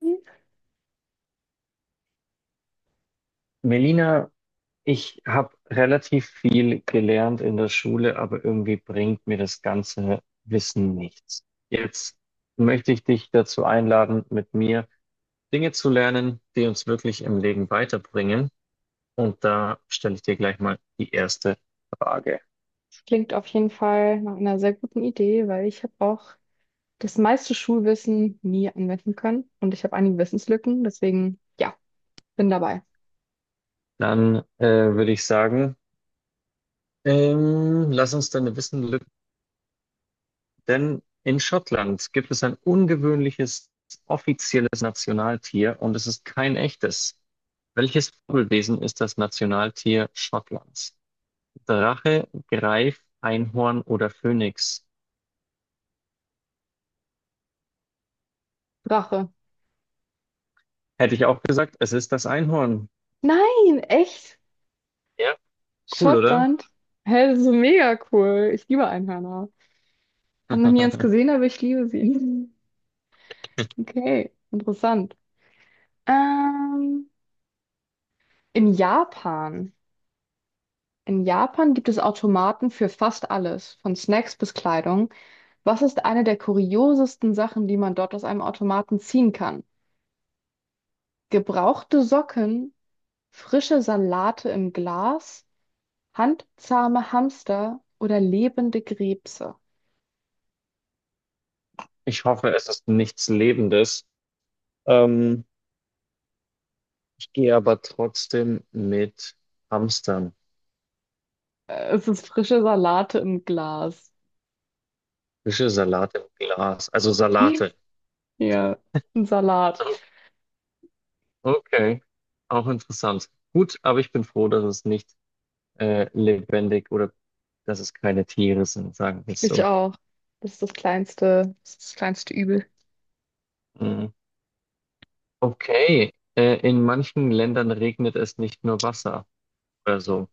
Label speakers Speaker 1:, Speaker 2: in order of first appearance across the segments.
Speaker 1: Das
Speaker 2: Melina, ich habe relativ viel gelernt in der Schule, aber irgendwie bringt mir das ganze Wissen nichts. Jetzt möchte ich dich dazu einladen, mit mir Dinge zu lernen, die uns wirklich im Leben weiterbringen. Und da stelle ich dir gleich mal die erste Frage.
Speaker 1: klingt auf jeden Fall nach einer sehr guten Idee, weil ich habe auch das meiste Schulwissen nie anwenden können und ich habe einige Wissenslücken, deswegen ja, bin dabei.
Speaker 2: Dann würde ich sagen, lass uns deine Wissenslücke denn in Schottland gibt es ein ungewöhnliches offizielles Nationaltier und es ist kein echtes. Welches Fabelwesen ist das Nationaltier Schottlands? Drache, Greif, Einhorn oder Phönix?
Speaker 1: Drache.
Speaker 2: Hätte ich auch gesagt, es ist das Einhorn.
Speaker 1: Nein, echt?
Speaker 2: Ja, cool, oder?
Speaker 1: Schottland? Hä, das ist so mega cool. Ich liebe Einhörner. Hab noch nie eins gesehen, aber ich liebe sie. Okay, interessant. Ähm, in Japan. In Japan gibt es Automaten für fast alles, von Snacks bis Kleidung. Was ist eine der kuriosesten Sachen, die man dort aus einem Automaten ziehen kann? Gebrauchte Socken, frische Salate im Glas, handzahme Hamster oder lebende Krebse?
Speaker 2: Ich hoffe, es ist nichts Lebendes. Ähm, ich gehe aber trotzdem mit Hamstern.
Speaker 1: Es ist frische Salate im Glas.
Speaker 2: Fische, Salat im Glas. Also Salate.
Speaker 1: Ja, ein Salat.
Speaker 2: Okay, auch interessant. Gut, aber ich bin froh, dass es nicht lebendig oder dass es keine Tiere sind, sagen wir es
Speaker 1: Ich
Speaker 2: so.
Speaker 1: auch. Das ist das kleinste Übel.
Speaker 2: Mm. Okay, in manchen Ländern regnet es nicht nur Wasser oder so.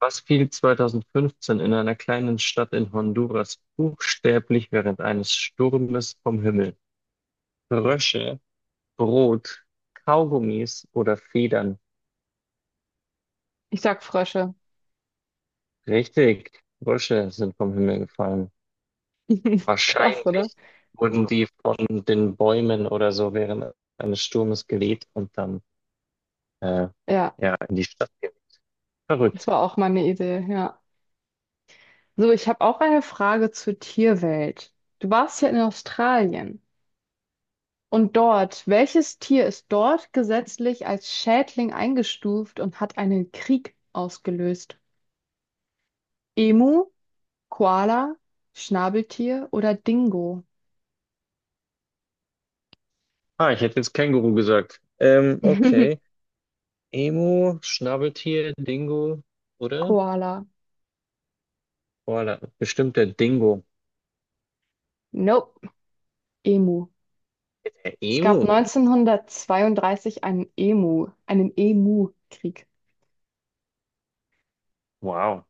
Speaker 2: Was fiel 2015 in einer kleinen Stadt in Honduras buchstäblich während eines Sturmes vom Himmel? Frösche, Brot, Kaugummis oder Federn?
Speaker 1: Ich sag Frösche.
Speaker 2: Richtig, Frösche sind vom Himmel gefallen.
Speaker 1: Krass, oder?
Speaker 2: Wahrscheinlich wurden die von den Bäumen oder so während eines Sturmes geweht und dann äh,
Speaker 1: Ja,
Speaker 2: ja in die Stadt geweht.
Speaker 1: das
Speaker 2: Verrückt.
Speaker 1: war auch meine Idee, ja. So, ich habe auch eine Frage zur Tierwelt. Du warst ja in Australien. Und dort, welches Tier ist dort gesetzlich als Schädling eingestuft und hat einen Krieg ausgelöst? Emu, Koala, Schnabeltier oder Dingo?
Speaker 2: Ah, ich hätte jetzt Känguru gesagt. Okay. Emu, Schnabeltier, Dingo, oder?
Speaker 1: Koala.
Speaker 2: Boah, da, bestimmt der Dingo.
Speaker 1: Nope. Emu.
Speaker 2: Der
Speaker 1: Es gab
Speaker 2: Emu.
Speaker 1: 1932 einen Emu, einen Emu-Krieg.
Speaker 2: Wow.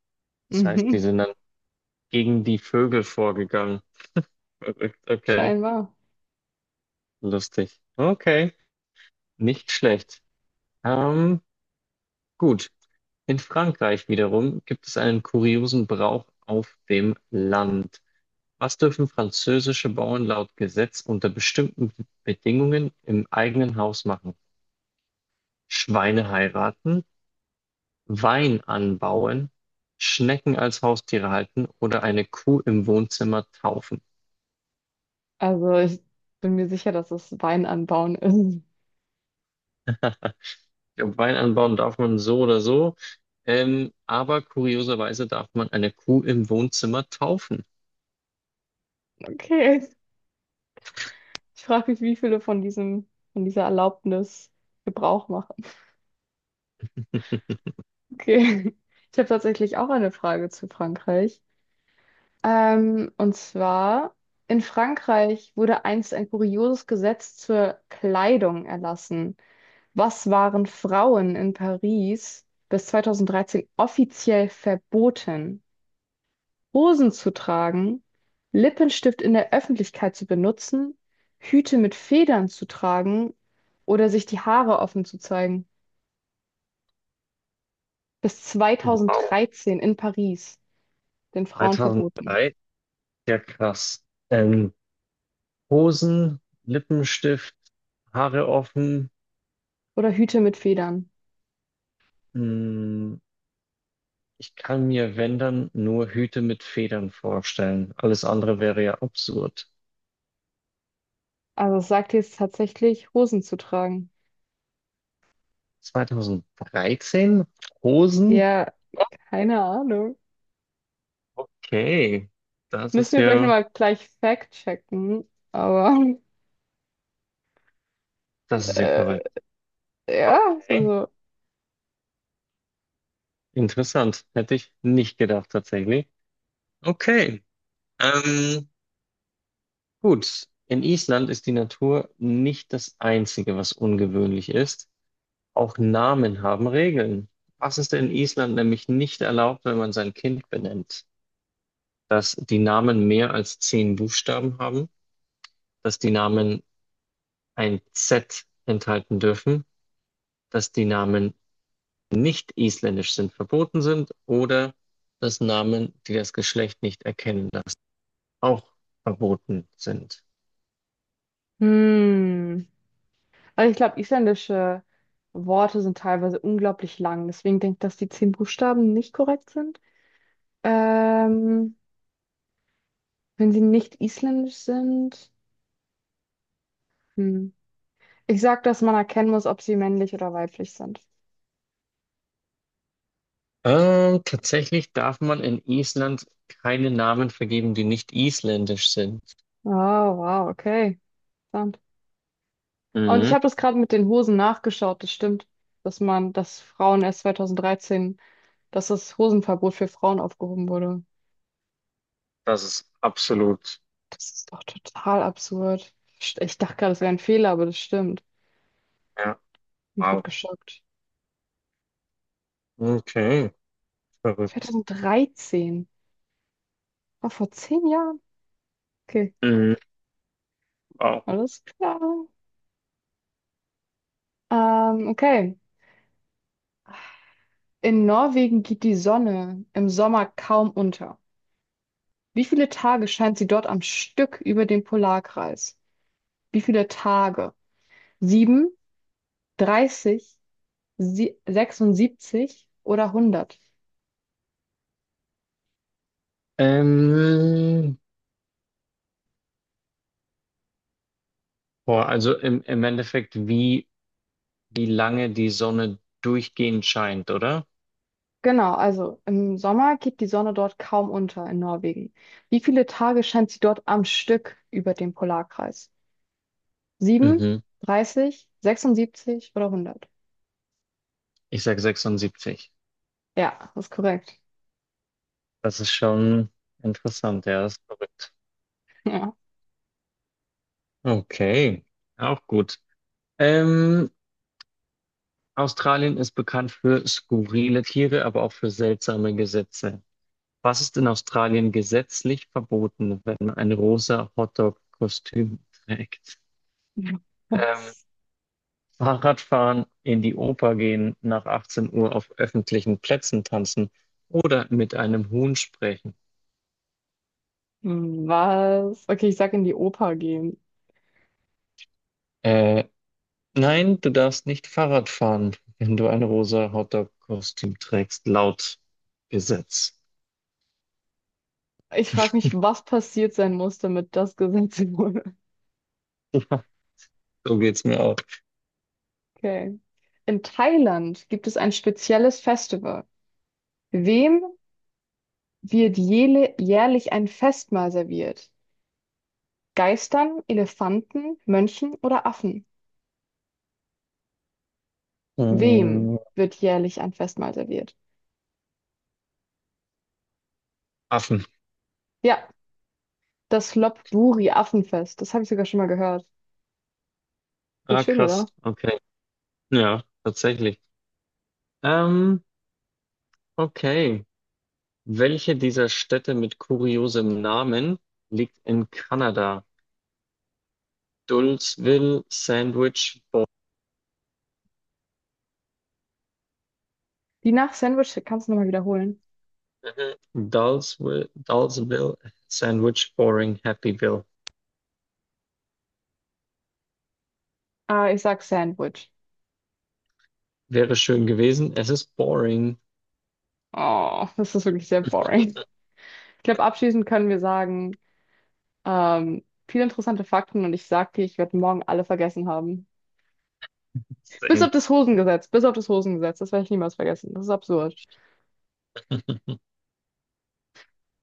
Speaker 2: Das heißt, die
Speaker 1: Mhm.
Speaker 2: sind dann gegen die Vögel vorgegangen. Verrückt. Okay.
Speaker 1: Scheinbar.
Speaker 2: Lustig. Okay. Nicht schlecht. Ähm, gut. In Frankreich wiederum gibt es einen kuriosen Brauch auf dem Land. Was dürfen französische Bauern laut Gesetz unter bestimmten Bedingungen im eigenen Haus machen? Schweine heiraten, Wein anbauen, Schnecken als Haustiere halten oder eine Kuh im Wohnzimmer taufen.
Speaker 1: Also ich bin mir sicher, dass es Wein anbauen ist.
Speaker 2: Ich glaube, Wein anbauen darf man so oder so, aber kurioserweise darf man eine Kuh im Wohnzimmer taufen.
Speaker 1: Okay. Ich frage mich, wie viele von diesem, von dieser Erlaubnis Gebrauch machen. Okay. Ich habe tatsächlich auch eine Frage zu Frankreich. Und zwar, in Frankreich wurde einst ein kurioses Gesetz zur Kleidung erlassen. Was waren Frauen in Paris bis 2013 offiziell verboten? Hosen zu tragen, Lippenstift in der Öffentlichkeit zu benutzen, Hüte mit Federn zu tragen oder sich die Haare offen zu zeigen. Bis
Speaker 2: Wow,
Speaker 1: 2013 in Paris, den Frauen verboten.
Speaker 2: 2003, ja krass. Ähm, Hosen, Lippenstift, Haare offen.
Speaker 1: Oder Hüte mit Federn.
Speaker 2: Hm, ich kann mir, wenn dann, nur Hüte mit Federn vorstellen. Alles andere wäre ja absurd.
Speaker 1: Also es sagt jetzt tatsächlich, Hosen zu tragen.
Speaker 2: 2013? Hosen?
Speaker 1: Ja, keine Ahnung.
Speaker 2: Okay. Das ist
Speaker 1: Müssen wir vielleicht
Speaker 2: ja,
Speaker 1: nochmal gleich fact-checken. Aber
Speaker 2: das ist ja
Speaker 1: äh,
Speaker 2: verrückt.
Speaker 1: ja,
Speaker 2: Okay.
Speaker 1: also.
Speaker 2: Interessant. Hätte ich nicht gedacht, tatsächlich. Okay. Ähm, gut. In Island ist die Natur nicht das Einzige, was ungewöhnlich ist. Auch Namen haben Regeln. Was ist in Island nämlich nicht erlaubt, wenn man sein Kind benennt? Dass die Namen mehr als 10 Buchstaben haben, dass die Namen ein Z enthalten dürfen, dass die Namen nicht isländisch sind, verboten sind oder dass Namen, die das Geschlecht nicht erkennen lassen, auch verboten sind.
Speaker 1: Hm. Also ich glaube, isländische Worte sind teilweise unglaublich lang. Deswegen denke ich, dass die zehn Buchstaben nicht korrekt sind. Ähm, Wenn sie nicht isländisch sind. Hm. Ich sag, dass man erkennen muss, ob sie männlich oder weiblich sind.
Speaker 2: Tatsächlich darf man in Island keine Namen vergeben, die nicht isländisch sind.
Speaker 1: Oh, wow, okay. Interessant. Und ich
Speaker 2: Mhm.
Speaker 1: habe das gerade mit den Hosen nachgeschaut. Das stimmt, dass man, dass Frauen erst 2013, dass das Hosenverbot für Frauen aufgehoben wurde.
Speaker 2: Das ist absolut.
Speaker 1: Das ist doch total absurd. Ich dachte gerade, es wäre ein Fehler, aber das stimmt.
Speaker 2: Ja.
Speaker 1: Bin gerade
Speaker 2: Wow.
Speaker 1: geschockt.
Speaker 2: Okay, verrückt.
Speaker 1: 2013, war vor 10 Jahren. Okay,
Speaker 2: Mhm. Wow.
Speaker 1: alles klar. Okay. In Norwegen geht die Sonne im Sommer kaum unter. Wie viele Tage scheint sie dort am Stück über dem Polarkreis? Wie viele Tage? Sieben, 30? Sie 76 oder 100.
Speaker 2: Ähm, boah, also im Endeffekt, wie lange die Sonne durchgehend scheint, oder?
Speaker 1: Genau, also im Sommer geht die Sonne dort kaum unter in Norwegen. Wie viele Tage scheint sie dort am Stück über dem Polarkreis? 7,
Speaker 2: Mhm.
Speaker 1: 30, 76 oder 100?
Speaker 2: Ich sag 76.
Speaker 1: Ja, das ist korrekt.
Speaker 2: Das ist schon interessant, ja, das ist verrückt.
Speaker 1: Ja.
Speaker 2: Okay, auch gut. Ähm, Australien ist bekannt für skurrile Tiere, aber auch für seltsame Gesetze. Was ist in Australien gesetzlich verboten, wenn ein rosa Hotdog-Kostüm trägt? Ähm,
Speaker 1: Was?
Speaker 2: Fahrradfahren, in die Oper gehen, nach 18 Uhr auf öffentlichen Plätzen tanzen oder mit einem Huhn sprechen.
Speaker 1: Was? Okay, ich sag in die Oper gehen.
Speaker 2: Äh, nein, du darfst nicht Fahrrad fahren, wenn du ein rosa Hotdog-Kostüm trägst, laut Gesetz.
Speaker 1: Ich frage mich, was passiert sein muss, damit das gesetzt wurde.
Speaker 2: So geht's mir auch.
Speaker 1: Okay. In Thailand gibt es ein spezielles Festival. Wem wird jährlich ein Festmahl serviert? Geistern, Elefanten, Mönchen oder Affen? Wem
Speaker 2: Mm,
Speaker 1: wird jährlich ein Festmahl serviert?
Speaker 2: Affen.
Speaker 1: Ja, das Lopburi-Affenfest. Das habe ich sogar schon mal gehört. Voll
Speaker 2: Ah,
Speaker 1: schön,
Speaker 2: krass.
Speaker 1: oder?
Speaker 2: Okay. Ja, tatsächlich. Ähm, okay. Welche dieser Städte mit kuriosem Namen liegt in Kanada? Dulsville, Sandwich,
Speaker 1: Die nach Sandwich kannst du nochmal wiederholen.
Speaker 2: Dulceville Sandwich Boring Happyville.
Speaker 1: Ah, ich sag Sandwich.
Speaker 2: Wäre schön gewesen. Es ist boring.
Speaker 1: Oh, das ist wirklich sehr boring. Ich glaube, abschließend können wir sagen, viele interessante Fakten und ich sag dir, ich werde morgen alle vergessen haben. Bis auf
Speaker 2: Same.
Speaker 1: das Hosengesetz, bis auf das Hosengesetz, das werde ich niemals vergessen. Das ist absurd.